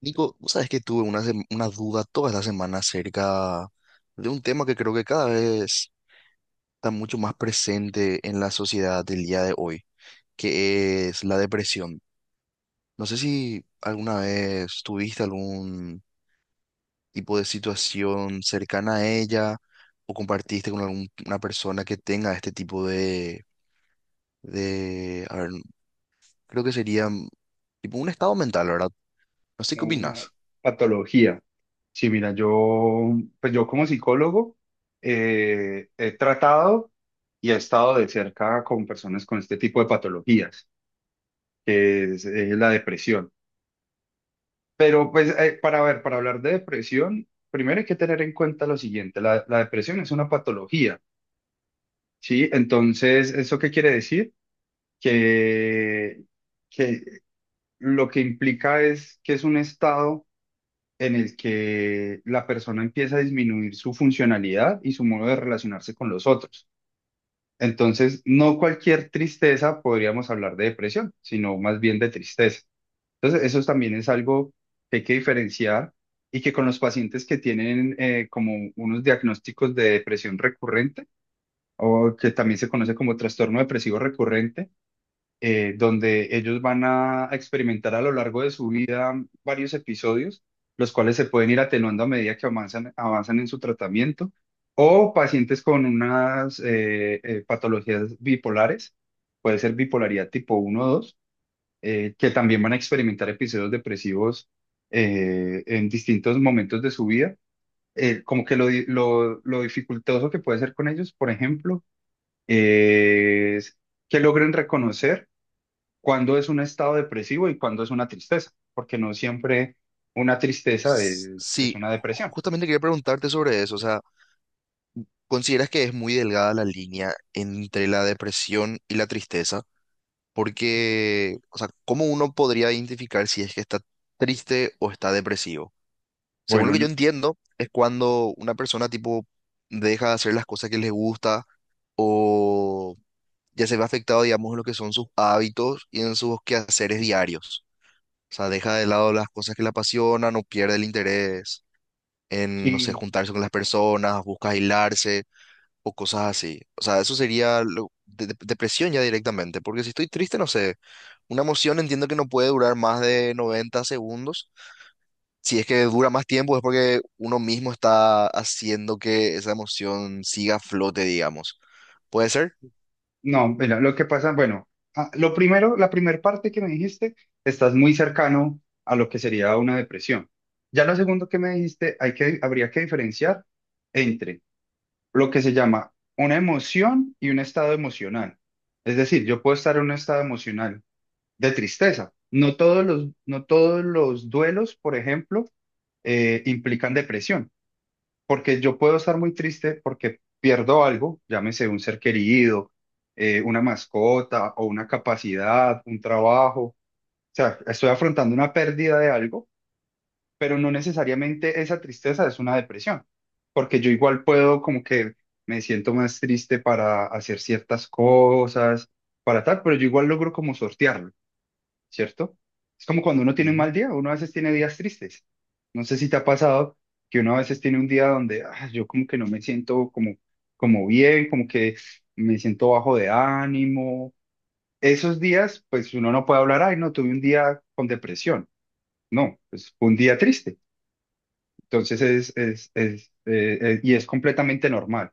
Nico, vos sabes que tuve una duda toda la semana acerca de un tema que creo que cada vez está mucho más presente en la sociedad del día de hoy, que es la depresión. No sé si alguna vez tuviste algún tipo de situación cercana a ella o compartiste con alguna persona que tenga este tipo de, a ver, creo que sería tipo un estado mental, ¿verdad? No sé qué Como una opinas. patología. Sí, mira, yo, pues yo como psicólogo he tratado y he estado de cerca con personas con este tipo de patologías, que es, la depresión. Pero pues para ver, para hablar de depresión, primero hay que tener en cuenta lo siguiente, la depresión es una patología, ¿sí? Entonces, ¿eso qué quiere decir? Que, que lo que implica es que es un estado en el que la persona empieza a disminuir su funcionalidad y su modo de relacionarse con los otros. Entonces, no cualquier tristeza podríamos hablar de depresión, sino más bien de tristeza. Entonces, eso también es algo que hay que diferenciar y que con los pacientes que tienen como unos diagnósticos de depresión recurrente o que también se conoce como trastorno depresivo recurrente, donde ellos van a experimentar a lo largo de su vida varios episodios, los cuales se pueden ir atenuando a medida que avanzan en su tratamiento, o pacientes con unas patologías bipolares, puede ser bipolaridad tipo uno o 2 que también van a experimentar episodios depresivos en distintos momentos de su vida. Como que lo dificultoso que puede ser con ellos, por ejemplo, es que logren reconocer cuándo es un estado depresivo y cuándo es una tristeza, porque no siempre una tristeza S- es Sí, una depresión. justamente quería preguntarte sobre eso, o sea. ¿Consideras que es muy delgada la línea entre la depresión y la tristeza? Porque, o sea, ¿cómo uno podría identificar si es que está triste o está depresivo? Según Bueno, lo que yo entiendo, es cuando una persona tipo deja de hacer las cosas que les gusta o ya se ve afectado, digamos, en lo que son sus hábitos y en sus quehaceres diarios. O sea, deja de lado las cosas que le apasionan o pierde el interés en, no sé, sí, juntarse con las personas, busca aislarse o cosas así. O sea, eso sería depresión ya directamente, porque si estoy triste, no sé, una emoción entiendo que no puede durar más de 90 segundos. Si es que dura más tiempo es porque uno mismo está haciendo que esa emoción siga a flote, digamos. ¿Puede ser? no, mira, lo que pasa, bueno, lo primero, la primera parte que me dijiste, estás muy cercano a lo que sería una depresión. Ya lo segundo que me dijiste, habría que diferenciar entre lo que se llama una emoción y un estado emocional. Es decir, yo puedo estar en un estado emocional de tristeza. No todos los duelos, por ejemplo, implican depresión, porque yo puedo estar muy triste porque pierdo algo, llámese un ser querido, una mascota o una capacidad, un trabajo, o sea, estoy afrontando una pérdida de algo, pero no necesariamente esa tristeza es una depresión, porque yo igual puedo como que me siento más triste para hacer ciertas cosas, para tal, pero yo igual logro como sortearlo. ¿Cierto? Es como cuando uno tiene un mal Ujú. día, uno a veces tiene días tristes. No sé si te ha pasado que uno a veces tiene un día donde "Ah, yo como que no me siento como bien, como que me siento bajo de ánimo". Esos días, pues uno no puede hablar, ay, no, tuve un día con depresión. No, pues fue un día triste. Entonces y es completamente normal.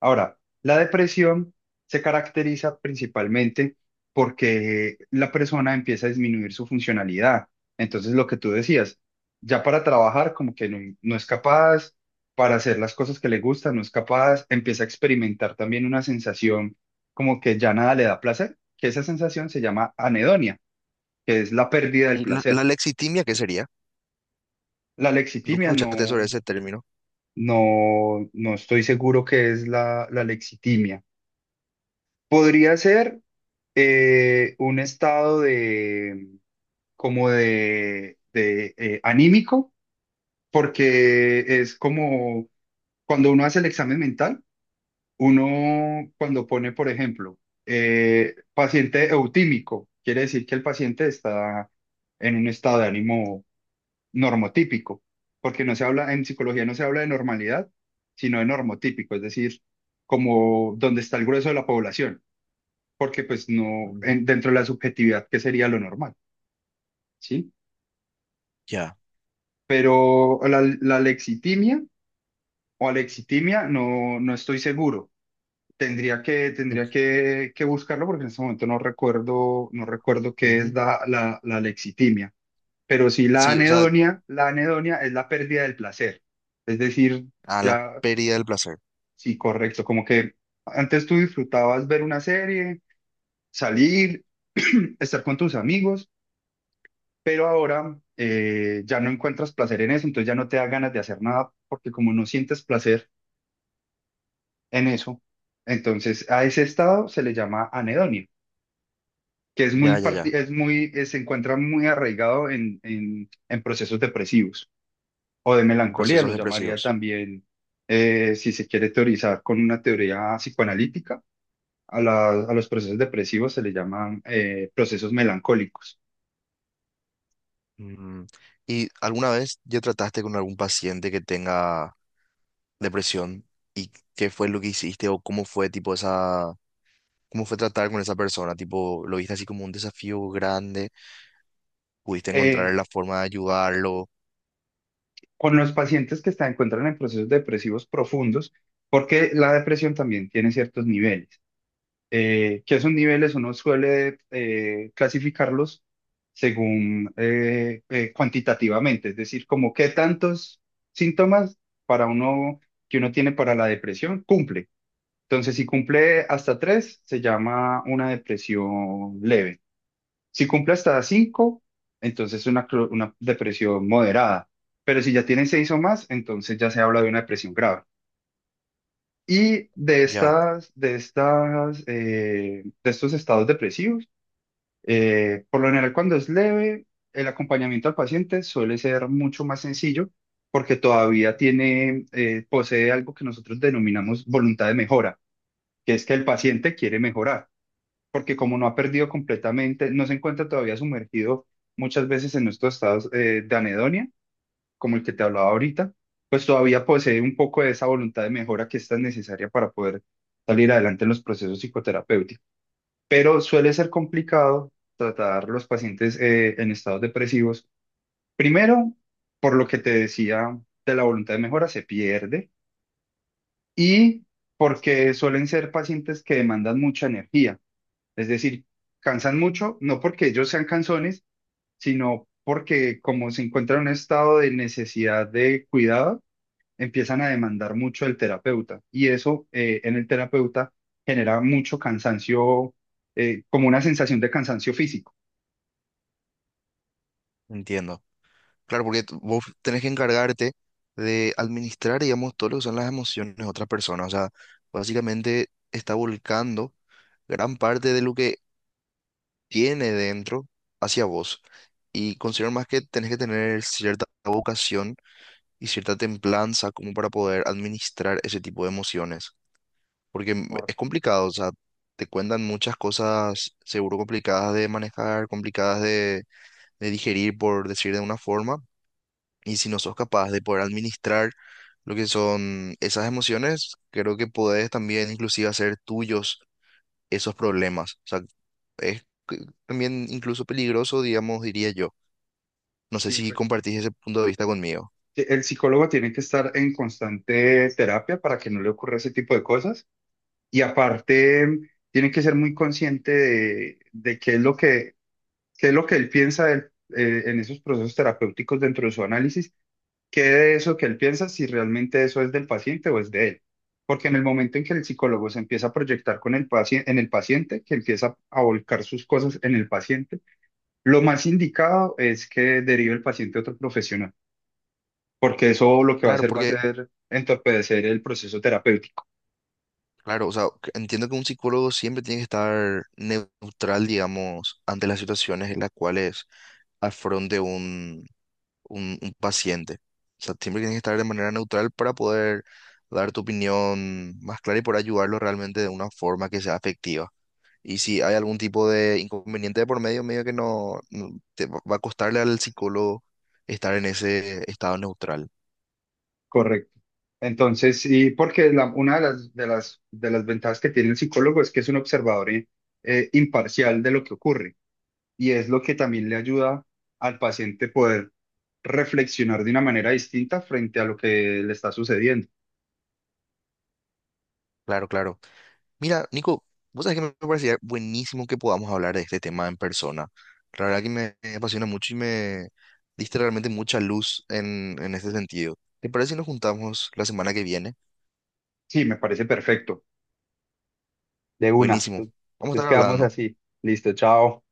Ahora, la depresión se caracteriza principalmente porque la persona empieza a disminuir su funcionalidad. Entonces, lo que tú decías, ya para trabajar como que no, no es capaz, para hacer las cosas que le gustan, no es capaz, empieza a experimentar también una sensación como que ya nada le da placer, que esa sensación se llama anedonia, que es la pérdida del ¿Y la placer. lexitimia qué sería? La Nunca lexitimia no, escuchaste sobre ese término. No estoy seguro qué es la lexitimia. Podría ser un estado de como anímico, porque es como cuando uno hace el examen mental, uno cuando pone, por ejemplo, paciente eutímico, quiere decir que el paciente está en un estado de ánimo normotípico, porque no se habla, en psicología no se habla de normalidad, sino de normotípico, es decir, como donde está el grueso de la población, porque pues no, Ujú. Dentro de la subjetividad, ¿qué sería lo normal? ¿Sí? Ya. Pero la alexitimia o alexitimia no, no estoy seguro. Tendría que, Ok. tendría que, que buscarlo porque en este momento no recuerdo qué es Ujú. La alexitimia. Pero sí Sí, o sea, la anedonia es la pérdida del placer. Es decir, a la ya, pérdida del placer. sí, correcto, como que antes tú disfrutabas ver una serie, salir, estar con tus amigos. Pero ahora ya no encuentras placer en eso, entonces ya no te da ganas de hacer nada porque como no sientes placer en eso, entonces a ese estado se le llama anedonia, que es muy, Ya, ya, ya. Se encuentra muy arraigado en procesos depresivos o de melancolía, lo Procesos llamaría depresivos. también, si se quiere teorizar con una teoría psicoanalítica, a los procesos depresivos se le llaman procesos melancólicos. Mm, ¿y alguna vez ya trataste con algún paciente que tenga depresión? ¿Y qué fue lo que hiciste o cómo fue tipo esa, cómo fue tratar con esa persona? Tipo, ¿lo viste así como un desafío grande? ¿Pudiste Eh, encontrar la forma de ayudarlo? con los pacientes que se encuentran en procesos depresivos profundos, porque la depresión también tiene ciertos niveles. Que esos niveles uno suele clasificarlos según cuantitativamente, es decir, como qué tantos síntomas para uno que uno tiene para la depresión cumple. Entonces, si cumple hasta tres, se llama una depresión leve. Si cumple hasta 5, entonces es una, una depresión moderada. Pero si ya tiene 6 o más, entonces ya se habla de una depresión grave. Y Ya, de estos estados depresivos, por lo general cuando es leve, el acompañamiento al paciente suele ser mucho más sencillo porque todavía tiene, posee algo que nosotros denominamos voluntad de mejora, que es que el paciente quiere mejorar porque como no ha perdido completamente, no se encuentra todavía sumergido muchas veces en estos estados de anedonia, como el que te hablaba ahorita, pues todavía posee un poco de esa voluntad de mejora que es tan necesaria para poder salir adelante en los procesos psicoterapéuticos. Pero suele ser complicado tratar los pacientes en estados depresivos. Primero, por lo que te decía de la voluntad de mejora, se pierde y porque suelen ser pacientes que demandan mucha energía. Es decir, cansan mucho, no porque ellos sean cansones, sino porque como se encuentran en un estado de necesidad de cuidado, empiezan a demandar mucho del terapeuta. Y eso en el terapeuta genera mucho cansancio, como una sensación de cansancio físico. entiendo. Claro, porque vos tenés que encargarte de administrar, digamos, todo lo que son las emociones de otras personas. O sea, básicamente está volcando gran parte de lo que tiene dentro hacia vos. Y considero más que tenés que tener cierta vocación y cierta templanza como para poder administrar ese tipo de emociones. Porque Por, es complicado, o sea, te cuentan muchas cosas seguro complicadas de manejar, complicadas de digerir, por decir de una forma. Y si no sos capaz de poder administrar lo que son esas emociones, creo que podés también inclusive hacer tuyos esos problemas. O sea, es también incluso peligroso, digamos, diría yo. No sé sí, si pues, compartís ese punto de vista conmigo. que el psicólogo tiene que estar en constante terapia para que no le ocurra ese tipo de cosas. Y aparte, tiene que ser muy consciente de qué es lo que él piensa en esos procesos terapéuticos dentro de su análisis, qué de eso que él piensa, si realmente eso es del paciente o es de él. Porque en el momento en que el psicólogo se empieza a proyectar con el paciente, en el paciente, que empieza a volcar sus cosas en el paciente, lo más indicado es que derive el paciente a otro profesional, porque eso lo que va a Claro, hacer va a porque, ser entorpecer el proceso terapéutico. claro, o sea, que entiendo que un psicólogo siempre tiene que estar neutral, digamos, ante las situaciones en las cuales afronte un paciente. O sea, siempre tienes que estar de manera neutral para poder dar tu opinión más clara y por ayudarlo realmente de una forma que sea afectiva. Y si hay algún tipo de inconveniente de por medio, medio que te va a costarle al psicólogo estar en ese estado neutral. Correcto. Entonces, sí, porque una de las, ventajas que tiene el psicólogo es que es un observador imparcial de lo que ocurre y es lo que también le ayuda al paciente poder reflexionar de una manera distinta frente a lo que le está sucediendo. Claro, claro. Mira, Nico, vos sabés que me parecía buenísimo que podamos hablar de este tema en persona. La verdad que me apasiona mucho y me diste realmente mucha luz en este sentido. ¿Te parece si nos juntamos la semana que viene? Sí, me parece perfecto. De una. Buenísimo. Vamos a Entonces estar quedamos hablando. así. Listo, chao.